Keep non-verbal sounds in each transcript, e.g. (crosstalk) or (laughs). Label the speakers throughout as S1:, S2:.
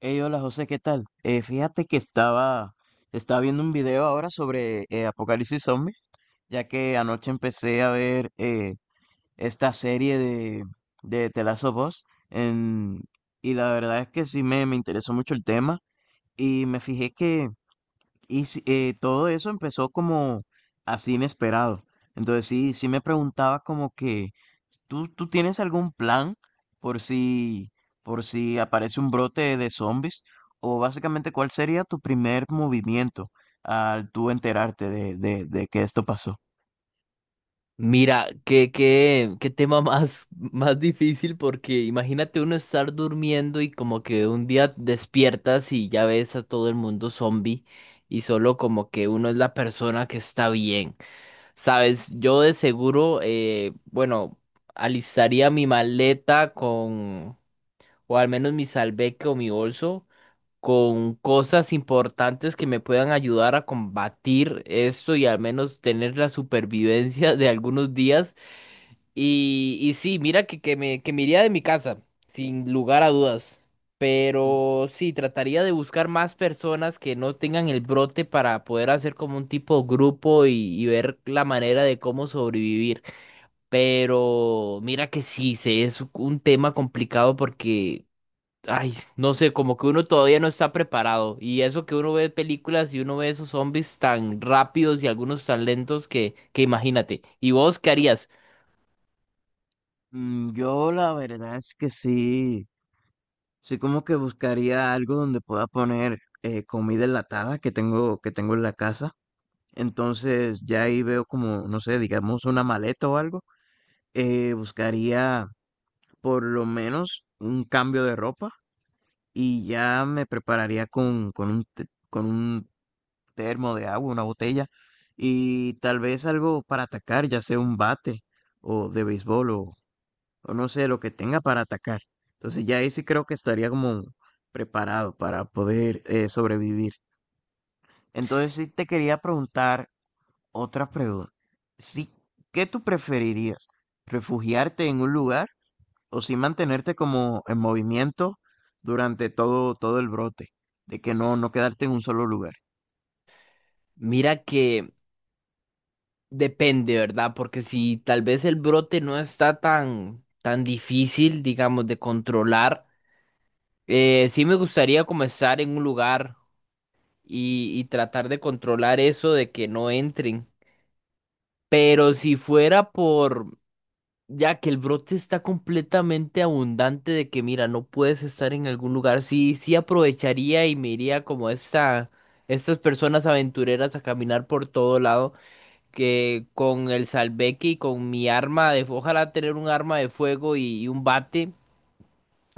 S1: Hey, hola José, ¿qué tal? Fíjate que estaba viendo un video ahora sobre Apocalipsis Zombie, ya que anoche empecé a ver esta serie de The Last of Us, en- y la verdad es que sí me interesó mucho el tema y me fijé que y sí, todo eso empezó como así inesperado. Entonces sí, sí me preguntaba como que, ¿tú tienes algún plan por si, por si aparece un brote de zombies? O básicamente, ¿cuál sería tu primer movimiento al tú enterarte de, de que esto pasó?
S2: Mira, qué tema (laughs) más difícil porque imagínate uno estar durmiendo y como que un día despiertas y ya ves a todo el mundo zombie y solo como que uno es la persona que está bien. Sabes, yo de seguro, bueno, alistaría mi maleta con, o al menos mi salveque o mi bolso, con cosas importantes que me puedan ayudar a combatir esto y al menos tener la supervivencia (laughs) de algunos días. Y sí, mira que, que me iría de mi casa, sin lugar a dudas.
S1: Mm,
S2: Pero sí, trataría de buscar más personas que no tengan el brote para poder hacer como un tipo grupo y ver la manera de cómo sobrevivir. Pero mira que sí, se es un tema complicado porque, ay, no sé, como que uno todavía no está preparado. Y eso que uno ve películas y uno ve esos zombies tan rápidos y algunos tan lentos que imagínate. ¿Y vos qué harías?
S1: Yo la verdad es que sí, sí como que buscaría algo donde pueda poner comida enlatada que tengo, en la casa. Entonces ya ahí veo como, no sé, digamos una maleta o algo. Buscaría por lo menos un cambio de ropa y ya me prepararía con con un termo de agua, una botella y tal vez algo para atacar, ya sea un bate o de béisbol o no sé, lo que tenga para atacar. Entonces ya ahí sí creo que estaría como preparado para poder sobrevivir. Entonces sí te quería preguntar. Otra pregunta. Sí, ¿qué tú preferirías? ¿Refugiarte en un lugar o sí mantenerte como en movimiento durante todo el brote? De que no, no quedarte en un solo lugar.
S2: Mira que... Depende, ¿verdad? Porque si tal vez el brote no está tan difícil, digamos, de controlar, sí me gustaría comenzar en un lugar y tratar de controlar eso de que no entren. Pero si fuera por, ya que el brote está completamente abundante de que, mira, no puedes estar en algún lugar, sí, sí aprovecharía y me iría estas personas aventureras a caminar por todo lado que con el salveque y con mi arma de, ojalá tener un arma de fuego y un bate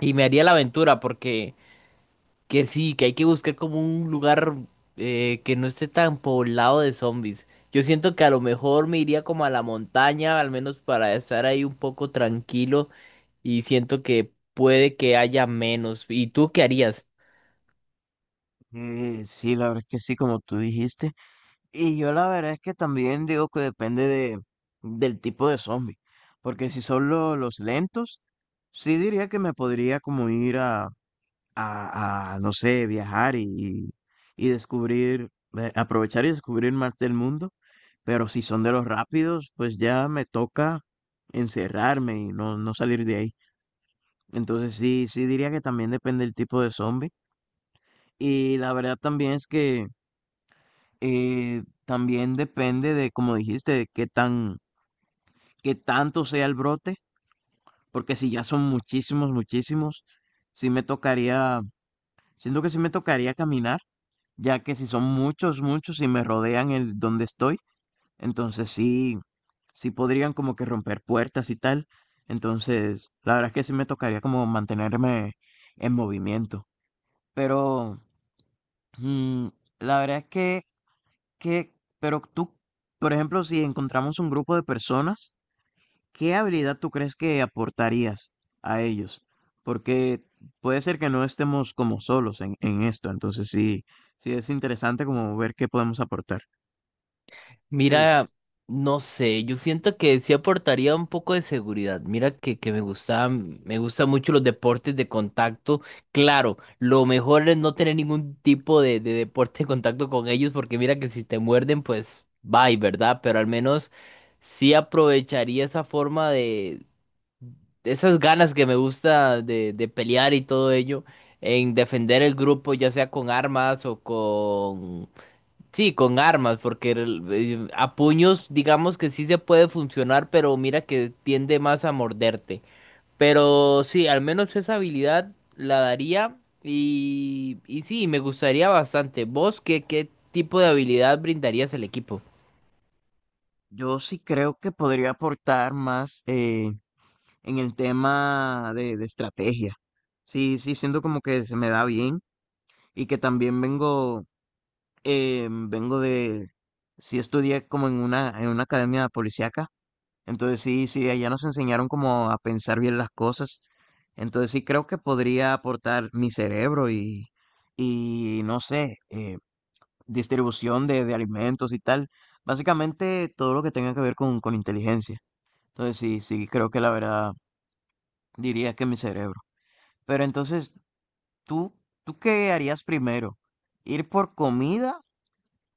S2: y me haría la aventura porque que sí, que hay que buscar como un lugar que no esté tan poblado de zombies. Yo siento que a lo mejor me iría como a la montaña, al menos para estar ahí un poco tranquilo y siento que puede que haya menos. ¿Y tú qué harías?
S1: Sí, la verdad es que sí, como tú dijiste. Y yo la verdad es que también digo que depende del tipo de zombie. Porque si son los lentos, sí diría que me podría como ir a, no sé, viajar y descubrir, aprovechar y descubrir más del mundo, pero si son de los rápidos, pues ya me toca encerrarme y no, no salir de ahí. Entonces sí, sí diría que también depende el tipo de zombie. Y la verdad también es que también depende de, como dijiste, de qué tanto sea el brote, porque si ya son muchísimos, muchísimos, sí me tocaría, siento que sí me tocaría caminar ya que si son muchos, muchos y me rodean el donde estoy, entonces sí, sí podrían como que romper puertas y tal. Entonces, la verdad es que sí me tocaría como mantenerme en movimiento. Pero, mm, la verdad es que, que, pero tú, por ejemplo, si encontramos un grupo de personas, ¿qué habilidad tú crees que aportarías a ellos? Porque puede ser que no estemos como solos en esto, entonces sí, sí es interesante como ver qué podemos aportar. ¿Qué dices?
S2: Mira, no sé, yo siento que sí aportaría un poco de seguridad. Mira que me gusta, me gustan mucho los deportes de contacto. Claro, lo mejor es no tener ningún tipo de deporte de contacto con ellos, porque mira que si te muerden, pues bye, ¿verdad? Pero al menos sí aprovecharía esa forma de esas ganas que me gusta de pelear y todo ello, en defender el grupo, ya sea con armas o con. Sí, con armas, porque a puños digamos que sí se puede funcionar, pero mira que tiende más a morderte. Pero sí, al menos esa habilidad la daría y sí, me gustaría bastante. ¿Vos qué, qué tipo de habilidad brindarías al equipo?
S1: Yo sí creo que podría aportar más en el tema de estrategia. Sí, sí, siento como que se me da bien y que también eh, vengo de, sí estudié como en en una academia policíaca, entonces sí, sí, allá nos enseñaron como a pensar bien las cosas, entonces sí creo que podría aportar mi cerebro y no sé, distribución de alimentos y tal. Básicamente todo lo que tenga que ver con inteligencia. Entonces sí, sí, creo que la verdad diría que mi cerebro. Pero entonces, ¿tú, tú qué harías primero? ¿Ir por comida,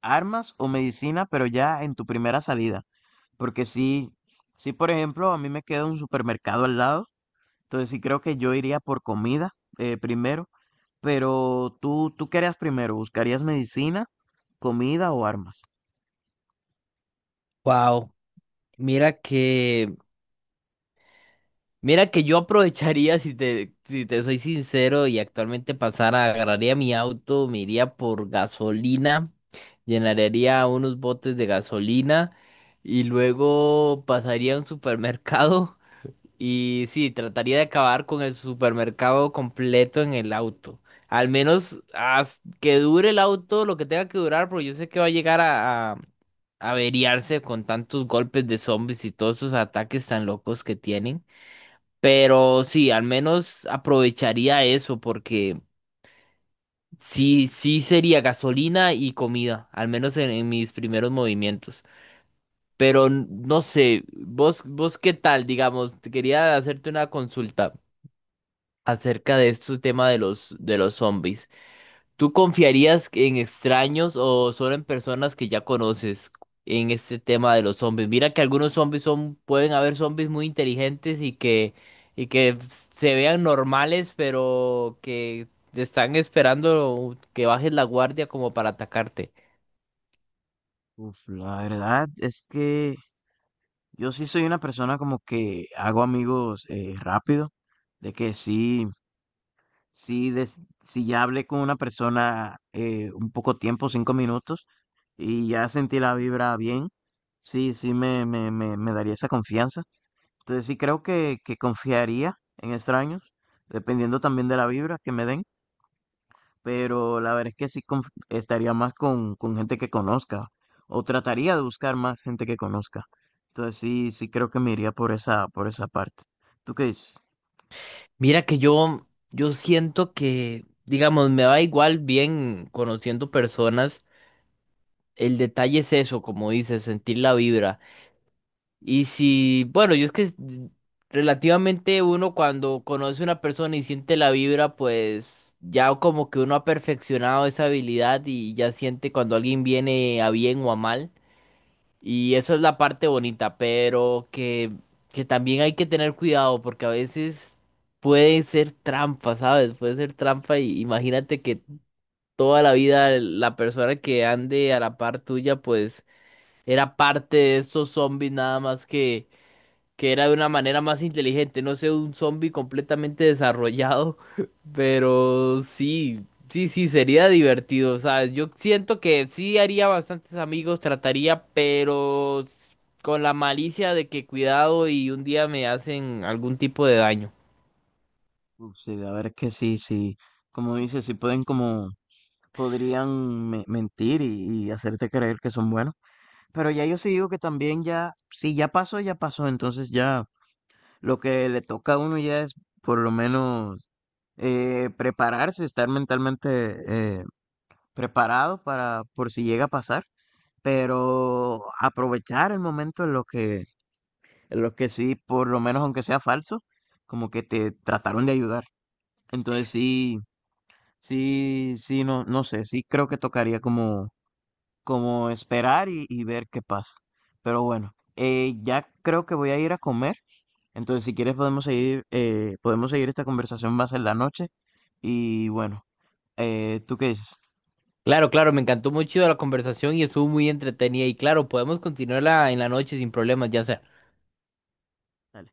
S1: armas o medicina, pero ya en tu primera salida? Porque sí, sí, por ejemplo, a mí me queda un supermercado al lado. Entonces sí creo que yo iría por comida primero. Pero ¿tú qué harías primero? ¿Buscarías medicina, comida o armas?
S2: Wow, mira que. Mira que yo aprovecharía, si te soy sincero, y actualmente pasara, agarraría mi auto, me iría por gasolina, llenaría unos botes de gasolina y luego pasaría a un supermercado y sí, trataría de acabar con el supermercado completo en el auto. Al menos que dure el auto lo que tenga que durar, porque yo sé que va a llegar a averiarse con tantos golpes de zombies y todos esos ataques tan locos que tienen. Pero sí, al menos aprovecharía eso porque sí, sí sería gasolina y comida, al menos en mis primeros movimientos. Pero no sé, vos, vos qué tal, digamos, te quería hacerte una consulta acerca de este tema de los zombies. ¿Tú confiarías en extraños o solo en personas que ya conoces en este tema de los zombies? Mira que algunos zombies son, pueden haber zombies muy inteligentes y que se vean normales, pero que te están esperando que bajes la guardia como para atacarte.
S1: Uf, la verdad es que yo sí soy una persona como que hago amigos rápido, de que sí, sí, si ya hablé con una persona un poco tiempo, 5 minutos, y ya sentí la vibra bien, sí, sí me daría esa confianza. Entonces sí creo que confiaría en extraños, dependiendo también de la vibra que me den, pero la verdad es que sí estaría más con gente que conozca o trataría de buscar más gente que conozca. Entonces sí, sí creo que me iría por esa parte. ¿Tú qué dices?
S2: Mira que yo siento que, digamos, me va igual bien conociendo personas. El detalle es eso, como dices, sentir la vibra. Y si, bueno, yo es que relativamente uno cuando conoce a una persona y siente la vibra, pues ya como que uno ha perfeccionado esa habilidad y ya siente cuando alguien viene a bien o a mal. Y eso es la parte bonita, pero que también hay que tener cuidado porque a veces puede ser trampa, ¿sabes? Puede ser trampa y imagínate que toda la vida la persona que ande a la par tuya, pues era parte de estos zombies nada más que era de una manera más inteligente, no sé, un zombie completamente desarrollado, (laughs) pero sí, sí, sería divertido, o sea, yo siento que sí haría bastantes amigos, trataría, con la malicia de que cuidado y un día me hacen algún tipo de daño.
S1: Uf, sí, la verdad es que sí, sí, como dices, sí pueden como, podrían mentir y hacerte creer que son buenos, pero ya yo sí digo que también ya, si ya pasó, ya pasó, entonces ya lo que le toca a uno ya es por lo menos prepararse, estar mentalmente eh, preparado para por si llega a pasar, pero aprovechar el momento en lo que sí, por lo menos aunque sea falso, como que te trataron de ayudar. Entonces sí, sí, sí, no, no sé, sí creo que tocaría como esperar y ver qué pasa. Pero bueno, ya creo que voy a ir a comer. Entonces, si quieres podemos seguir esta conversación más en la noche. Y bueno, ¿tú qué dices?
S2: Claro, claro, me encantó mucho la conversación y estuvo muy entretenida y claro, podemos continuarla en la noche sin problemas, ya sea.
S1: Dale.